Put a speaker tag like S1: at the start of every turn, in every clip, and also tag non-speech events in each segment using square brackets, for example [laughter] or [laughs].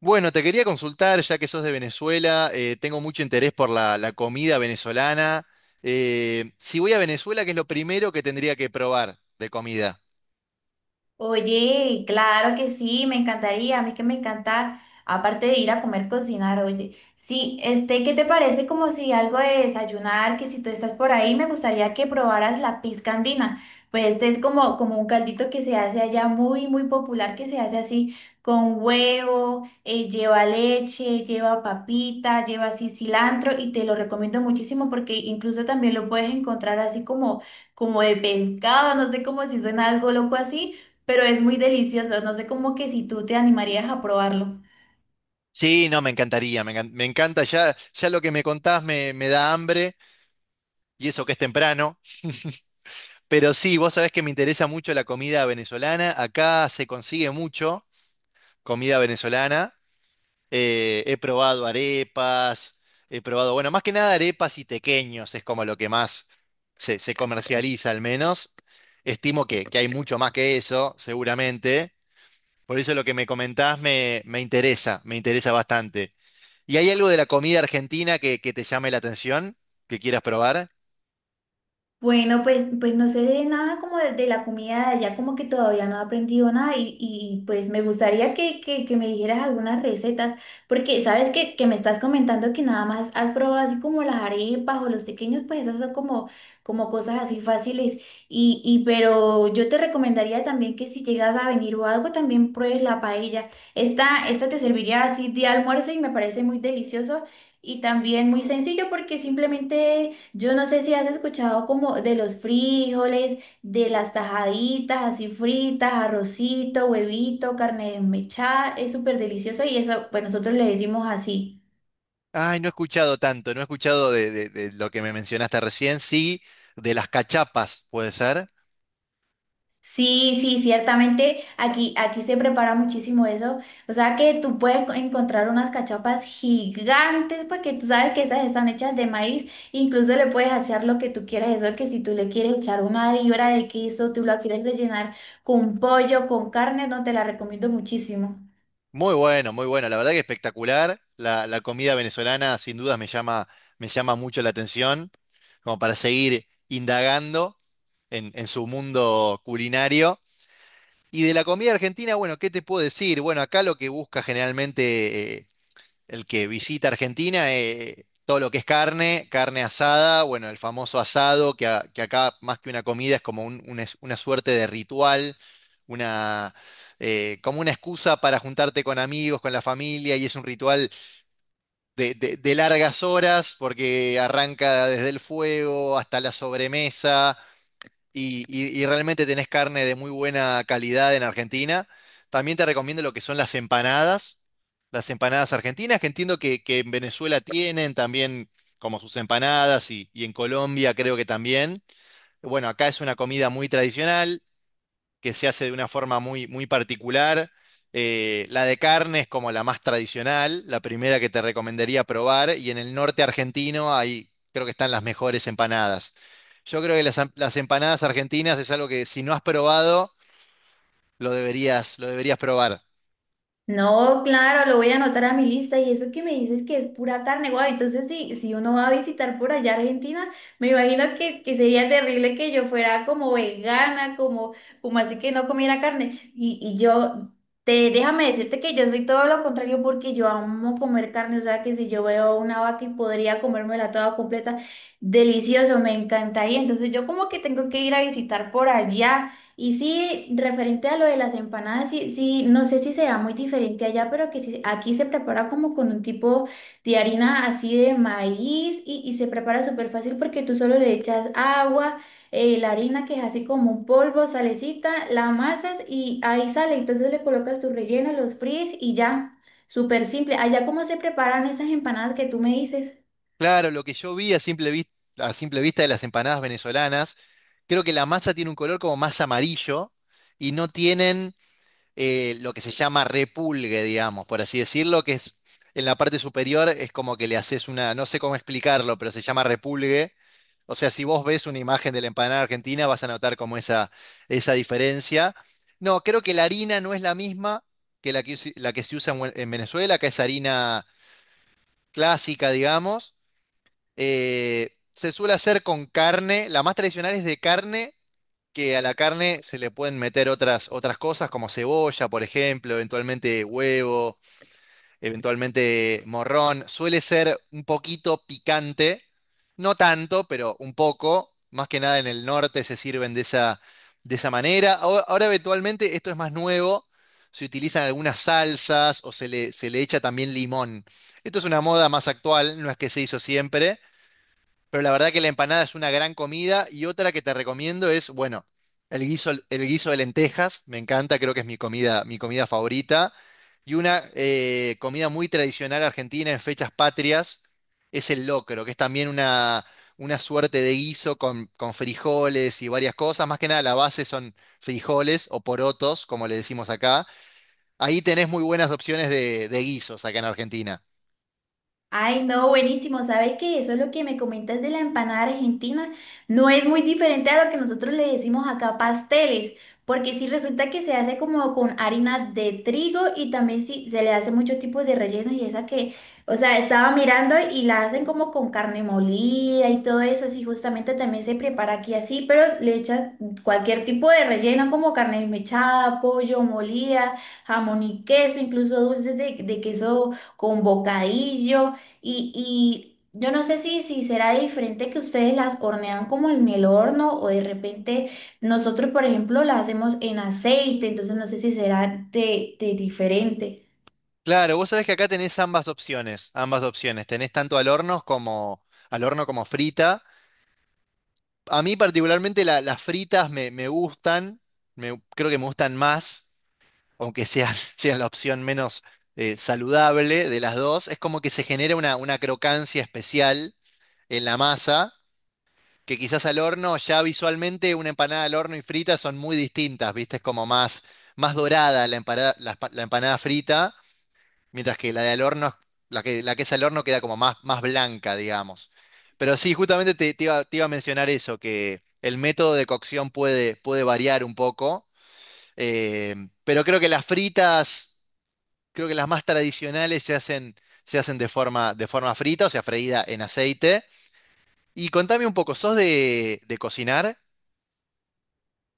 S1: Bueno, te quería consultar, ya que sos de Venezuela, tengo mucho interés por la comida venezolana. Si voy a Venezuela, ¿qué es lo primero que tendría que probar de comida?
S2: Oye, claro que sí, me encantaría, a mí que me encanta, aparte de ir a comer, cocinar, oye. Sí, ¿qué te parece como si algo de desayunar, que si tú estás por ahí, me gustaría que probaras la pizca andina? Pues este es como un caldito que se hace allá muy, muy popular, que se hace así con huevo, lleva leche, lleva papita, lleva así cilantro y te lo recomiendo muchísimo porque incluso también lo puedes encontrar así como, como de pescado, no sé, como si suena algo loco así pero es muy delicioso. No sé cómo que si tú te animarías a probarlo.
S1: Sí, no, me encantaría, me encanta, ya lo que me contás me da hambre, y eso que es temprano, pero sí, vos sabés que me interesa mucho la comida venezolana, acá se consigue mucho comida venezolana. He probado arepas, he probado, bueno, más que nada arepas y tequeños es como lo que más se comercializa al menos. Estimo que hay mucho más que eso, seguramente. Por eso lo que me comentás me interesa bastante. ¿Y hay algo de la comida argentina que te llame la atención, que quieras probar?
S2: Bueno, pues no sé de nada como de la comida de allá, como que todavía no he aprendido nada y, y pues me gustaría que me dijeras algunas recetas, porque sabes que me estás comentando que nada más has probado así como las arepas o los pequeños, pues esas son como, como cosas así fáciles y, y yo te recomendaría también que si llegas a venir o algo también pruebes la paella. Esta te serviría así de almuerzo y me parece muy delicioso y también muy sencillo porque simplemente... Yo no sé si has escuchado como de los frijoles, de las tajaditas así fritas, arrocito, huevito, carne desmechada, es súper delicioso y eso, pues nosotros le decimos así.
S1: Ay, no he escuchado tanto, no he escuchado de lo que me mencionaste recién, sí, de las cachapas, puede ser.
S2: Sí, sí, ciertamente aquí, aquí se prepara muchísimo eso. O sea que tú puedes encontrar unas cachapas gigantes porque tú sabes que esas están hechas de maíz. Incluso le puedes echar lo que tú quieras. Eso que si tú le quieres echar una libra de queso, tú la quieres rellenar con pollo, con carne, no te la recomiendo muchísimo.
S1: Muy bueno, muy bueno. La verdad que espectacular. La comida venezolana sin dudas me llama mucho la atención, como para seguir indagando en su mundo culinario. Y de la comida argentina, bueno, ¿qué te puedo decir? Bueno, acá lo que busca generalmente el que visita Argentina, todo lo que es carne, carne asada, bueno, el famoso asado, que, que acá más que una comida es como una, una suerte de ritual, una, como una excusa para juntarte con amigos, con la familia, y es un ritual de largas horas, porque arranca desde el fuego hasta la sobremesa, y, y realmente tenés carne de muy buena calidad en Argentina. También te recomiendo lo que son las empanadas argentinas, que entiendo que en Venezuela tienen también como sus empanadas y en Colombia creo que también. Bueno, acá es una comida muy tradicional que se hace de una forma muy, muy particular. La de carne es como la más tradicional, la primera que te recomendaría probar. Y en el norte argentino ahí creo que están las mejores empanadas. Yo creo que las empanadas argentinas es algo que si no has probado, lo deberías probar.
S2: No, claro, lo voy a anotar a mi lista y eso que me dices que es pura carne, guau, entonces si, si uno va a visitar por allá Argentina, me imagino que sería terrible que yo fuera como vegana, como, como así que no comiera carne. Déjame decirte que yo soy todo lo contrario porque yo amo comer carne, o sea que si yo veo una vaca y podría comérmela toda completa, delicioso, me encantaría. Entonces yo como que tengo que ir a visitar por allá. Y sí, referente a lo de las empanadas, sí, sí, no sé si será muy diferente allá, pero que sí- aquí se prepara como con un tipo de harina así de maíz y se prepara súper fácil porque tú solo le echas agua, la harina que es así como un polvo, salecita, la amasas y ahí sale. Entonces le colocas tu relleno, los fríes y ya, súper simple. Allá, ¿cómo se preparan esas empanadas que tú me dices?
S1: Claro, lo que yo vi a simple vista de las empanadas venezolanas, creo que la masa tiene un color como más amarillo y no tienen lo que se llama repulgue, digamos, por así decirlo, que es en la parte superior es como que le haces una, no sé cómo explicarlo, pero se llama repulgue. O sea, si vos ves una imagen de la empanada argentina, vas a notar como esa diferencia. No, creo que la harina no es la misma que la que se usa en, en Venezuela, que es harina clásica, digamos. Se suele hacer con carne, la más tradicional es de carne que a la carne se le pueden meter otras, otras cosas como cebolla, por ejemplo, eventualmente huevo, eventualmente morrón. Suele ser un poquito picante, no tanto, pero un poco. Más que nada en el norte se sirven de esa manera. Ahora, ahora eventualmente esto es más nuevo. Se utilizan algunas salsas o se le echa también limón. Esto es una moda más actual, no es que se hizo siempre, pero la verdad que la empanada es una gran comida y otra que te recomiendo es, bueno, el guiso de lentejas, me encanta, creo que es mi comida favorita. Y una comida muy tradicional argentina en fechas patrias es el locro, que es también una suerte de guiso con frijoles y varias cosas. Más que nada la base son frijoles o porotos, como le decimos acá. Ahí tenés muy buenas opciones de guisos acá en Argentina.
S2: Ay, no, buenísimo. ¿Sabes qué? Eso es lo que me comentas de la empanada argentina. No es muy diferente a lo que nosotros le decimos acá pasteles, porque sí resulta que se hace como con harina de trigo y también sí se le hace muchos tipos de rellenos y esa que, o sea, estaba mirando y la hacen como con carne molida y todo eso. Sí, justamente también se prepara aquí así, pero le echas cualquier tipo de relleno como carne mechada, pollo molida, jamón y queso, incluso dulces de queso con bocadillo. Y yo no sé si, si será diferente que ustedes las hornean como en el horno o de repente nosotros, por ejemplo, las hacemos en aceite, entonces no sé si será de diferente.
S1: Claro, vos sabés que acá tenés ambas opciones, ambas opciones. Tenés tanto al horno como frita. A mí particularmente las fritas me, me gustan, creo que me gustan más, aunque sea [laughs] sea la opción menos saludable de las dos, es como que se genera una crocancia especial en la masa, que quizás al horno, ya visualmente una empanada al horno y frita son muy distintas, ¿viste? Es como más, más dorada la empanada, la empanada frita, mientras que la de al horno, la que es al horno queda como más, más blanca, digamos. Pero sí, justamente te iba a mencionar eso, que el método de cocción puede, puede variar un poco. eh, pero creo que las fritas creo que las más tradicionales se hacen de forma frita, o sea, freída en aceite. Y contame un poco, ¿sos de cocinar?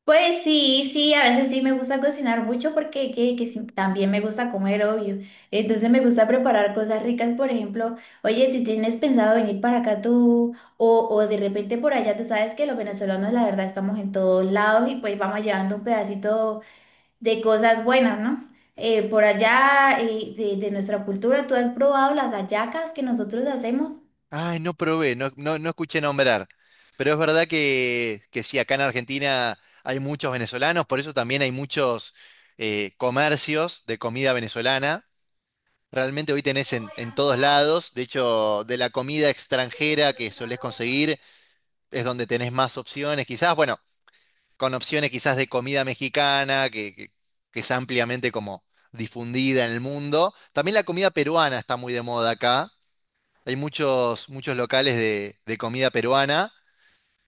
S2: Pues sí, sí, a veces sí me gusta cocinar mucho porque que sí, también me gusta comer, obvio. Entonces me gusta preparar cosas ricas, por ejemplo, oye, si tienes pensado venir para acá tú o de repente por allá, tú sabes que los venezolanos la verdad estamos en todos lados y pues vamos llevando un pedacito de cosas buenas, ¿no? Por allá, de nuestra cultura, ¿tú has probado las hallacas que nosotros hacemos?
S1: Ay, no probé, no, no, no escuché nombrar. Pero es verdad que sí, acá en Argentina hay muchos venezolanos, por eso también hay muchos comercios de comida venezolana. Realmente hoy tenés en todos lados, de hecho, de la comida extranjera que solés conseguir es donde tenés más opciones. Quizás, bueno, con opciones quizás de comida mexicana, que es ampliamente como difundida en el mundo. También la comida peruana está muy de moda acá. Hay muchos, muchos locales de comida peruana.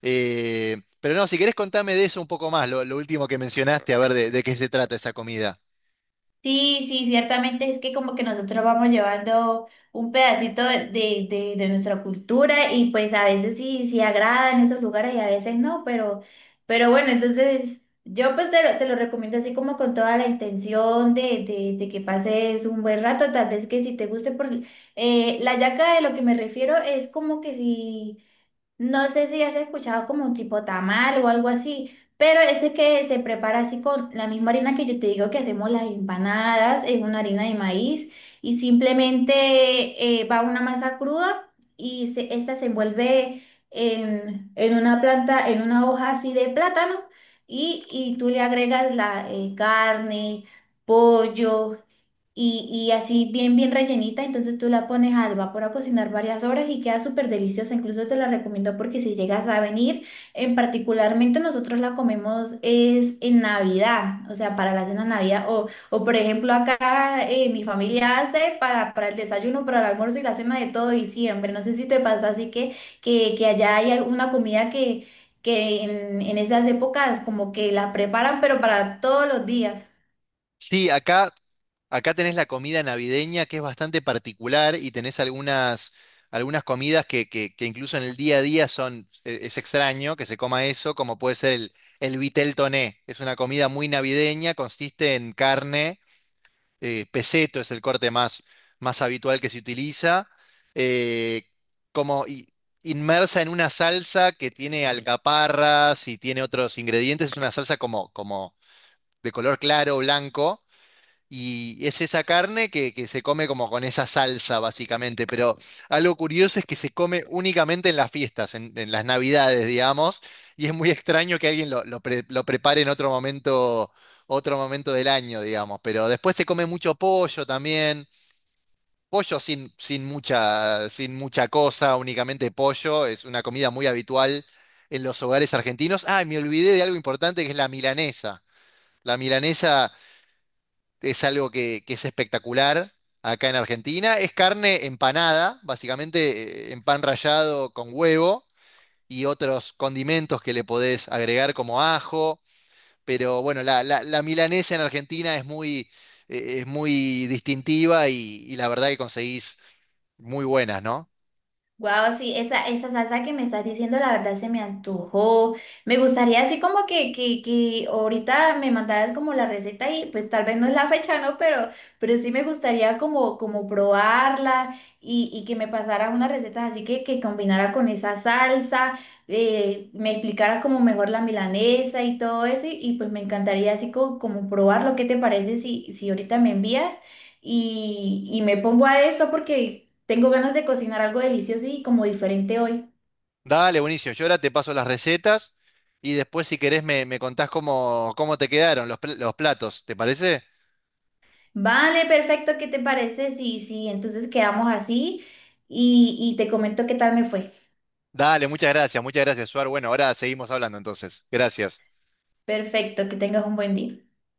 S1: Pero no, si querés contame de eso un poco más, lo último que mencionaste, a ver de qué se trata esa comida.
S2: Sí, sí, ciertamente es que como que nosotros vamos llevando un pedacito de nuestra cultura y pues a veces sí, sí agrada en esos lugares y a veces no, pero bueno, entonces yo pues te lo recomiendo así como con toda la intención de que pases un buen rato, tal vez que si te guste, porque la hallaca de lo que me refiero es como que si... No sé si has escuchado como un tipo tamal o algo así, pero ese que se prepara así con la misma harina que yo te digo que hacemos las empanadas, es una harina de maíz y simplemente va una masa cruda y se, esta se envuelve en una planta, en una hoja así de plátano y tú le agregas la carne, pollo y así bien, bien rellenita. Entonces tú la pones al vapor a cocinar varias horas y queda súper deliciosa. Incluso te la recomiendo porque si llegas a venir, en particularmente nosotros la comemos es en Navidad, o sea, para la cena de Navidad. O por ejemplo, acá mi familia hace para el desayuno, para el almuerzo y la cena de todo diciembre. No sé si te pasa así que, que allá hay alguna comida que en esas épocas como que la preparan, pero para todos los días.
S1: Sí, acá acá tenés la comida navideña que es bastante particular y tenés algunas, algunas comidas que incluso en el día a día son, es extraño que se coma eso, como puede ser el vitel toné. Es una comida muy navideña, consiste en carne, peceto es el corte más, más habitual que se utiliza, eh, como inmersa en una salsa que tiene alcaparras y tiene otros ingredientes. Es una salsa como, como de color claro, blanco y es esa carne que se come como con esa salsa, básicamente. Pero algo curioso es que se come únicamente en las fiestas, en las navidades, digamos. Y es muy extraño que alguien lo prepare en otro momento del año, digamos. Pero después se come mucho pollo también. Pollo sin, sin mucha, sin mucha cosa, únicamente pollo. Es una comida muy habitual en los hogares argentinos. Ah, y me olvidé de algo importante que es la milanesa. La milanesa es algo que es espectacular acá en Argentina. Es carne empanada, básicamente en pan rallado con huevo y otros condimentos que le podés agregar como ajo. Pero bueno, la milanesa en Argentina es muy distintiva y la verdad que conseguís muy buenas, ¿no?
S2: Wow, sí, esa salsa que me estás diciendo, la verdad se me antojó. Me gustaría así como que ahorita me mandaras como la receta y pues tal vez no es la fecha, ¿no? Pero sí me gustaría como, como probarla y que me pasaras unas recetas así que combinara con esa salsa, me explicara como mejor la milanesa y todo eso y, pues me encantaría así co- como, probarlo. ¿Qué te parece si, si ahorita me envías y me pongo a eso porque... Tengo ganas de cocinar algo delicioso y como diferente hoy.
S1: Dale, buenísimo. Yo ahora te paso las recetas y después si querés me, me contás cómo, cómo te quedaron los, los platos, ¿te parece?
S2: Vale, perfecto, ¿qué te parece? Sí, sí, entonces quedamos así y te comento qué tal me fue.
S1: Dale, muchas gracias, Suar. Bueno, ahora seguimos hablando entonces. Gracias.
S2: Perfecto, que tengas un buen día.